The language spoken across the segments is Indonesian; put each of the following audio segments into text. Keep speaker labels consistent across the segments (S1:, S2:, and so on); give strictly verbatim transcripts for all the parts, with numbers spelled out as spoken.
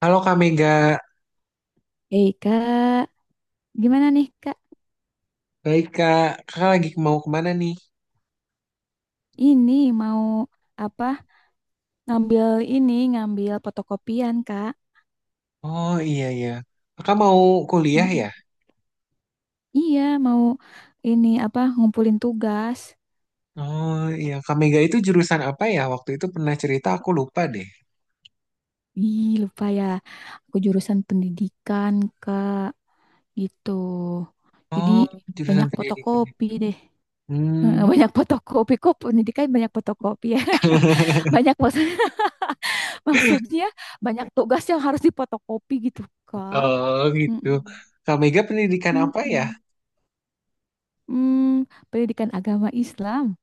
S1: Halo Kak Mega,
S2: Hei kak, gimana nih kak?
S1: baik Kak. Kakak lagi mau kemana nih?
S2: Ini mau apa? Ngambil ini, ngambil fotokopian kak.
S1: Oh iya iya. Kakak mau kuliah
S2: Mm-mm.
S1: ya?
S2: Iya, mau ini apa? Ngumpulin tugas.
S1: Oh iya, Kak Mega itu jurusan apa ya? Waktu itu pernah cerita aku lupa deh.
S2: Ih, lupa ya. Aku jurusan pendidikan kak, gitu.
S1: Oh,
S2: Jadi
S1: jurusan
S2: banyak
S1: pendidikan.
S2: fotokopi deh.
S1: Hmm,
S2: Heeh, banyak fotokopi kok pendidikan banyak fotokopi ya. Banyak maksud- maksudnya banyak tugas yang harus dipotokopi gitu kak.
S1: oh gitu.
S2: Mm-mm.
S1: Kak Mega pendidikan apa ya?
S2: Mm-mm. Hmm, Pendidikan agama Islam.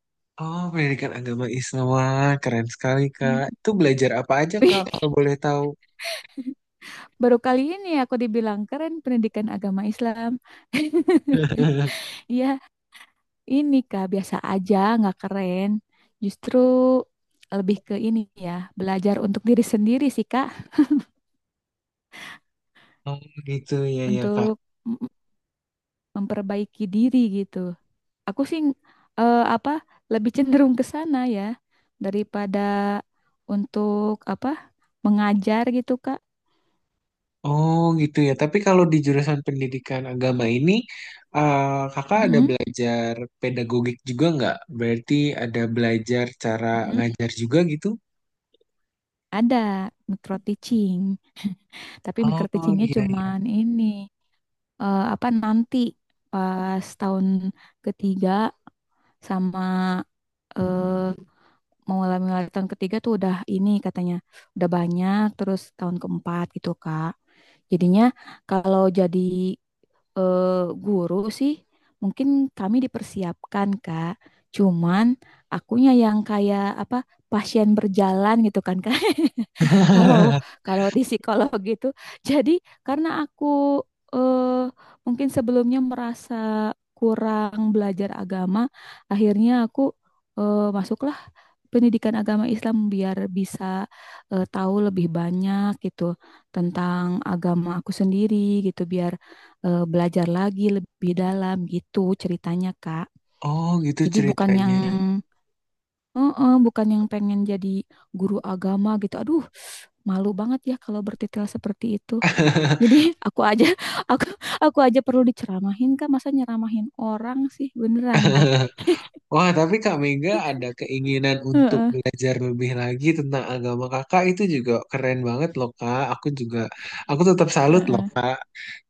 S1: Oh, pendidikan agama Islam. Wah, keren sekali Kak.
S2: Hmm.
S1: Itu belajar apa aja
S2: Wih,
S1: Kak, kalau boleh tahu?
S2: baru kali ini aku dibilang keren pendidikan agama Islam. Iya, ini Kak, biasa aja, nggak keren. Justru lebih ke ini ya, belajar untuk diri sendiri sih Kak,
S1: Oh gitu ya ya Kak.
S2: untuk m- memperbaiki diri gitu. Aku sih eh, apa lebih cenderung ke sana ya daripada untuk apa mengajar gitu Kak.
S1: Oh gitu ya. Tapi kalau di jurusan pendidikan agama ini, eh, kakak ada
S2: Mm-mm,
S1: belajar pedagogik juga nggak? Berarti ada belajar cara
S2: mm-mm.
S1: ngajar juga gitu?
S2: Ada micro teaching. Tapi micro
S1: Oh
S2: teachingnya
S1: iya iya.
S2: cuman ini eh, apa nanti pas tahun ketiga sama eh, mau mulai tahun ketiga tuh udah ini katanya udah banyak terus tahun keempat gitu Kak. Jadinya kalau jadi eh, guru sih mungkin kami dipersiapkan Kak. Cuman akunya yang kayak apa pasien berjalan gitu kan Kak. Kalau kalau di psikolog gitu. Jadi karena aku eh, mungkin sebelumnya merasa kurang belajar agama, akhirnya aku eh, masuklah pendidikan agama Islam biar bisa eh, tahu lebih banyak gitu tentang agama aku sendiri gitu biar eh, belajar lagi lebih dalam gitu ceritanya Kak.
S1: Oh gitu
S2: Jadi bukan yang
S1: ceritanya.
S2: Heeh, bukan yang pengen jadi guru agama gitu. Aduh, malu banget ya kalau bertitel seperti itu. Jadi aku aja aku aku aja perlu diceramahin Kak, masa nyeramahin orang sih beneran deh.
S1: Wah tapi Kak Mega ada keinginan untuk
S2: Heeh,
S1: belajar lebih lagi tentang agama kakak itu juga keren banget loh Kak. Aku juga, aku tetap salut loh
S2: heeh,
S1: Kak.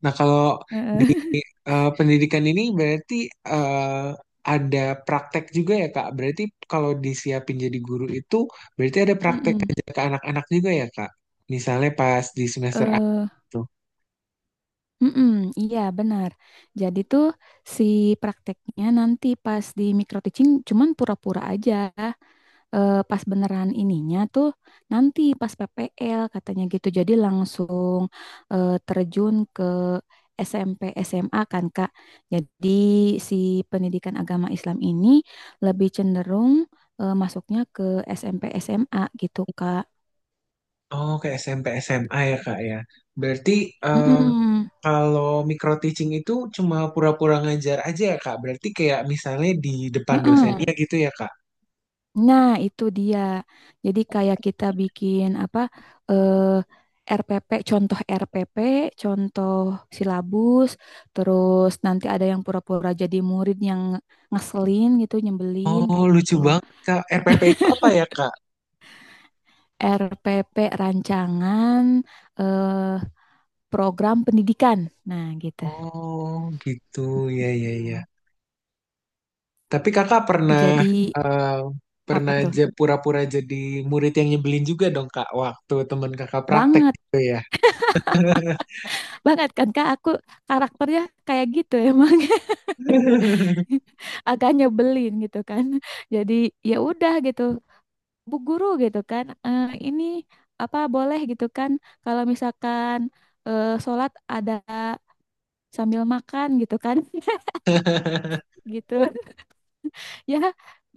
S1: Nah kalau
S2: heeh.
S1: eh, pendidikan ini berarti eh, ada praktek juga ya Kak. Berarti kalau disiapin jadi guru itu berarti ada praktek
S2: Mm-mm.
S1: kerja ke anak-anak juga ya Kak. Misalnya pas di semester A
S2: Eh,
S1: itu.
S2: mm-mm, iya benar. Jadi tuh si prakteknya nanti pas di micro teaching cuman pura-pura aja. Eh, pas beneran ininya tuh nanti pas P P L katanya gitu. Jadi langsung eh, terjun ke S M P S M A kan Kak. Jadi si pendidikan agama Islam ini lebih cenderung eh, masuknya ke S M P S M A gitu Kak.
S1: Oh, ke S M P S M A ya Kak ya. Berarti eh,
S2: Mm-mm.
S1: kalau micro teaching itu cuma pura-pura ngajar aja ya Kak. Berarti kayak misalnya di depan
S2: Heeh.
S1: dosennya gitu ya Kak.
S2: Nah, itu dia. Jadi kayak kita bikin apa eh, R P P, contoh R P P, contoh silabus, terus nanti ada yang pura-pura jadi murid yang ngeselin gitu, nyebelin
S1: Oh,
S2: kayak
S1: lucu
S2: gitu.
S1: banget Kak. R P P itu apa ya Kak?
S2: R P P rancangan eh, program pendidikan. Nah, gitu.
S1: Oh, gitu. Ya ya ya.
S2: Hmm.
S1: Tapi kakak pernah
S2: Jadi
S1: eh,
S2: apa
S1: pernah
S2: tuh?
S1: aja pura-pura jadi murid yang nyebelin juga dong kak waktu teman kakak praktek
S2: Banget,
S1: gitu ya.
S2: banget kan Kak, aku karakternya kayak gitu emang. Agak nyebelin gitu kan. Jadi ya udah gitu, Bu Guru gitu kan, "Eh, ini apa boleh gitu kan, kalau misalkan eh, sholat ada sambil makan gitu kan, gitu. Ya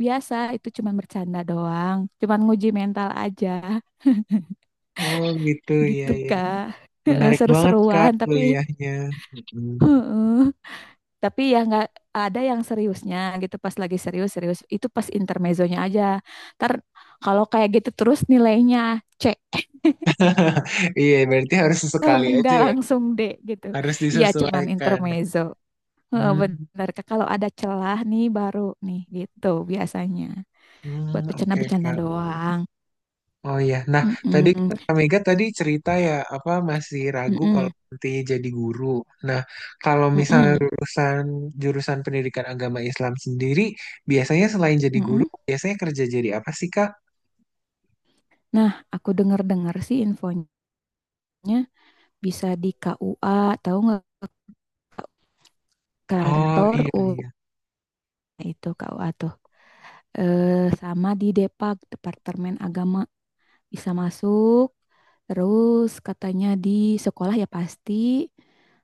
S2: biasa itu cuman bercanda doang, cuman nguji mental aja
S1: Oh gitu ya
S2: gitu
S1: ya.
S2: Kak.
S1: Menarik banget kak
S2: Seru-seruan tapi
S1: kuliahnya. Mm-mm.
S2: tapi ya nggak ada yang seriusnya gitu pas lagi serius serius itu pas intermezzonya aja ntar kalau kayak gitu terus nilainya C
S1: Iya berarti harus
S2: atau
S1: sesekali aja
S2: nggak
S1: ya.
S2: langsung D gitu
S1: Harus
S2: iya cuman
S1: disesuaikan.
S2: intermezzo. Heeh,
S1: Hmm,
S2: bener Kak. Kalau ada celah nih baru nih gitu biasanya buat
S1: hmm, oke
S2: bercanda-bercanda
S1: kak.
S2: doang.
S1: Oh iya, nah tadi
S2: Mm-mm,
S1: kan Kak Mega tadi cerita ya apa masih ragu kalau
S2: mm-mm,
S1: nanti jadi guru. Nah kalau misalnya
S2: mm-mm,
S1: lulusan jurusan pendidikan agama Islam sendiri, biasanya selain jadi guru,
S2: mm-mm.
S1: biasanya kerja jadi apa sih Kak?
S2: Nah, aku dengar-dengar sih infonya bisa di K U A, tahu nggak,
S1: Oh
S2: kantor
S1: iya
S2: U,
S1: iya,
S2: nah itu K U A tuh eh, sama di Depak Departemen Agama bisa masuk, terus katanya di sekolah ya pasti.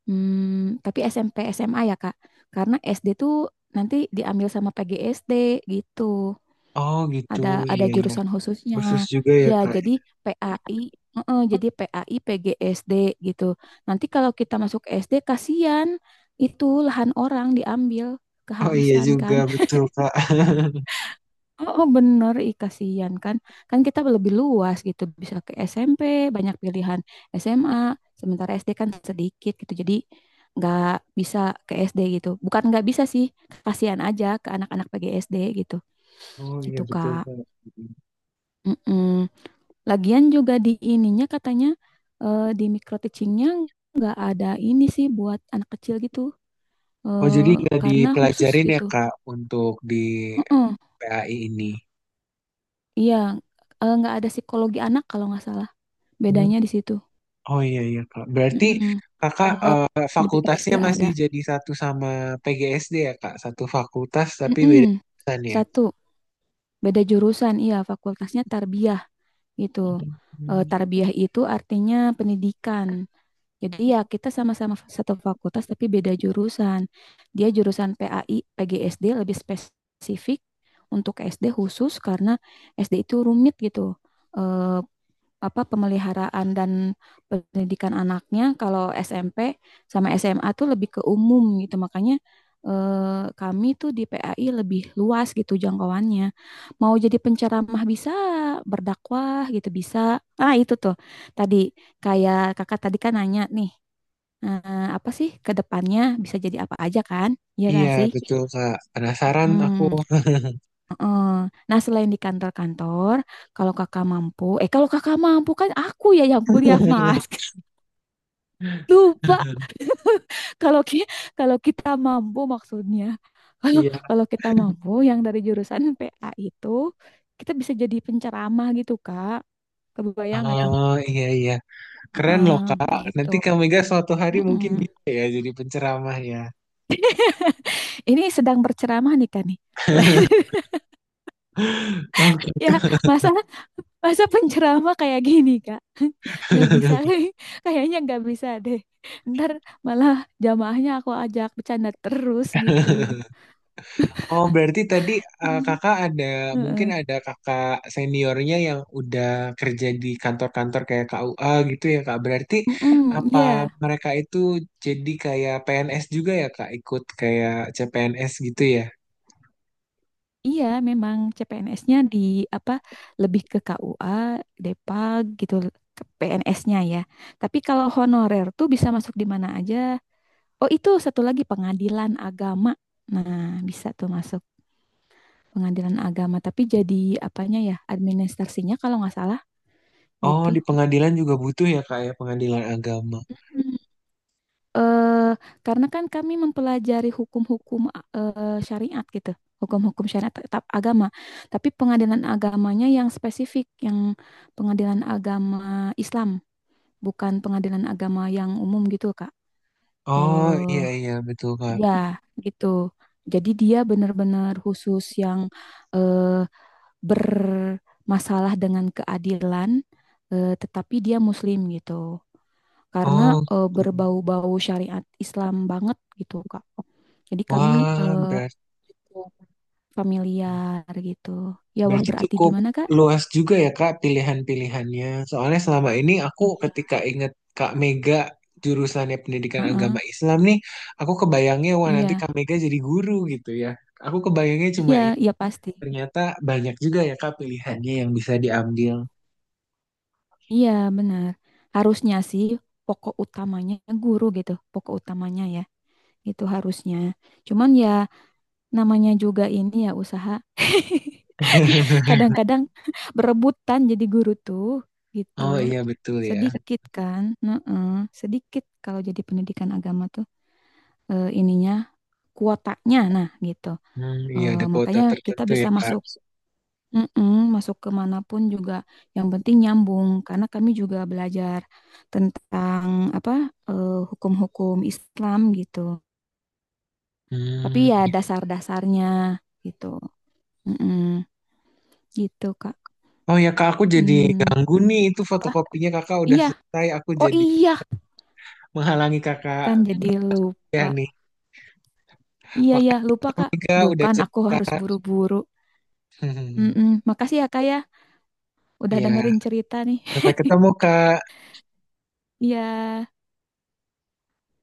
S2: Hmm, tapi S M P S M A ya Kak, karena SD tuh nanti diambil sama P G S D gitu,
S1: oh gitu
S2: ada
S1: iya
S2: ada
S1: iya,
S2: jurusan khususnya.
S1: khusus juga ya
S2: Ya
S1: Kak.
S2: jadi pai, heeh, jadi pai P G S D gitu nanti, kalau kita masuk S D kasihan, itu lahan orang diambil
S1: Oh iya
S2: kehabisan
S1: juga
S2: kan.
S1: betul Kak.
S2: Oh, oh, bener, ih kasihan kan. Kan kita lebih luas gitu, bisa ke S M P, banyak pilihan S M A, sementara S D kan sedikit gitu. Jadi nggak bisa ke S D gitu. Bukan nggak bisa sih, kasihan aja ke anak-anak P G S D gitu.
S1: Oh iya
S2: Gitu,
S1: betul
S2: Kak.
S1: Kak.
S2: Mm-mm. Lagian juga di ininya katanya eh, di micro teachingnya nggak ada ini sih buat anak kecil gitu.
S1: Oh jadi
S2: Eh,
S1: nggak
S2: karena khusus
S1: dipelajarin ya
S2: gitu.
S1: Kak untuk di
S2: Mm-mm.
S1: P A I ini?
S2: Iya, eh, nggak ada psikologi anak kalau nggak salah. Bedanya di situ.
S1: Oh iya iya Kak. Berarti
S2: Mm-mm.
S1: Kakak
S2: Kalau
S1: eh,
S2: di P G S D
S1: fakultasnya masih
S2: ada.
S1: jadi satu sama P G S D ya Kak. Satu fakultas tapi beda
S2: Mm-mm.
S1: jurusan ya.
S2: Satu, beda jurusan. Iya, fakultasnya tarbiyah gitu. Eh,
S1: Hmm,
S2: tarbiyah itu artinya pendidikan. Jadi ya kita sama-sama satu fakultas tapi beda jurusan. Dia jurusan pai, P G S D lebih spesifik untuk SD khusus karena S D itu rumit gitu. Eh, Apa pemeliharaan dan pendidikan anaknya, kalau S M P sama S M A tuh lebih ke umum gitu, makanya eh, kami tuh di pai lebih luas gitu jangkauannya, mau jadi penceramah bisa, berdakwah gitu bisa. Ah, itu tuh tadi, kayak kakak tadi kan nanya nih, eh, apa sih ke depannya bisa jadi apa aja kan. Iya gak
S1: iya
S2: sih.
S1: betul Kak. Penasaran aku.
S2: Hmm. Heeh. Nah, selain di kantor-kantor, kalau kakak mampu, eh kalau kakak mampu kan aku ya yang kuliah, Mas. Lupa. Kalau kita kalau kita mampu maksudnya. Kalau
S1: Iya.
S2: kalau kita mampu, yang dari jurusan P A itu kita bisa jadi penceramah gitu, Kak. Kebayang nggak tuh?
S1: Oh iya iya. Keren loh
S2: Heeh,
S1: Kak.
S2: gitu.
S1: Nanti Kak Mega suatu hari mungkin
S2: Mm-mm.
S1: bisa ya jadi penceramah ya.
S2: Ini sedang berceramah nih Kak nih.
S1: Oke.
S2: Ya, masa masa penceramah kayak gini, Kak? Nggak bisa, kayaknya nggak bisa deh. Ntar malah jamaahnya aku ajak bercanda terus gitu.
S1: Oh, berarti tadi eh,
S2: Hmm.
S1: kakak ada, mungkin
S2: Heeh.
S1: ada kakak seniornya yang udah kerja di kantor-kantor kayak K U A gitu ya, Kak. Berarti
S2: Mm-mm.
S1: apa
S2: Iya,
S1: mereka itu jadi kayak P N S juga ya, Kak? Ikut kayak C P N S gitu ya?
S2: iya memang C P N S-nya di apa lebih ke K U A, Depag gitu, ke P N S-nya ya. Tapi kalau honorer tuh bisa masuk di mana aja. Oh, itu satu lagi pengadilan agama. Nah, bisa tuh masuk. Pengadilan agama, tapi jadi apanya ya, administrasinya kalau nggak salah
S1: Oh,
S2: gitu.
S1: di pengadilan juga butuh ya, Kak, ya, pengadilan agama.
S2: Hmm. Eh, karena kan kami mempelajari hukum-hukum eh, syariat gitu, hukum-hukum syariat tetap agama, tapi pengadilan agamanya yang spesifik, yang pengadilan agama Islam, bukan pengadilan agama yang umum gitu, Kak.
S1: Oh, iya,
S2: Eh,
S1: iya, betul, Kak.
S2: Iya, gitu. Jadi dia benar-benar khusus yang eh, bermasalah dengan keadilan, eh, tetapi dia Muslim gitu. Karena
S1: Oh,
S2: eh, berbau-bau syariat Islam banget gitu, Kak. Jadi kami
S1: wah,
S2: eh, cukup familiar gitu. Ya, wah
S1: berarti
S2: berarti
S1: cukup
S2: gimana, Kak?
S1: luas juga ya Kak pilihan-pilihannya. Soalnya selama ini aku
S2: Iya.
S1: ketika ingat Kak Mega jurusannya pendidikan
S2: Heeh,
S1: agama Islam nih, aku kebayangnya wah nanti
S2: iya,
S1: Kak Mega jadi guru gitu ya. Aku kebayangnya cuma
S2: iya,
S1: itu.
S2: iya pasti.
S1: Ternyata banyak juga ya Kak pilihannya yang bisa diambil.
S2: Iya, benar. Harusnya sih pokok utamanya guru gitu, pokok utamanya ya. Itu harusnya. Cuman ya namanya juga ini ya usaha. Kadang-kadang berebutan jadi guru tuh gitu.
S1: Oh iya betul ya.
S2: Sedikit kan, heeh, sedikit kalau jadi pendidikan agama tuh eh, ininya kuotanya, nah gitu.
S1: Hmm, iya ada
S2: Eh,
S1: kuota
S2: makanya kita
S1: tertentu
S2: bisa
S1: ya Kak.
S2: masuk, mm-mm, masuk ke manapun juga, yang penting nyambung karena kami juga belajar tentang apa eh, hukum-hukum Islam gitu. Tapi ya
S1: Hmm.
S2: dasar-dasarnya gitu. Mm-mm, gitu Kak.
S1: Oh ya Kak, aku jadi
S2: Hmm,
S1: ganggu nih. Itu
S2: apa?
S1: fotokopinya Kakak udah
S2: Iya.
S1: selesai. Aku
S2: Oh
S1: jadi
S2: iya,
S1: menghalangi
S2: kan
S1: Kakak
S2: jadi lupa.
S1: ya nih.
S2: Iya ya lupa Kak.
S1: Omega
S2: Duh,
S1: udah
S2: kan aku
S1: cerita.
S2: harus buru-buru. Mm-mm. Makasih ya Kak ya, udah
S1: ya
S2: dengerin cerita nih.
S1: sampai ketemu Kak.
S2: Iya.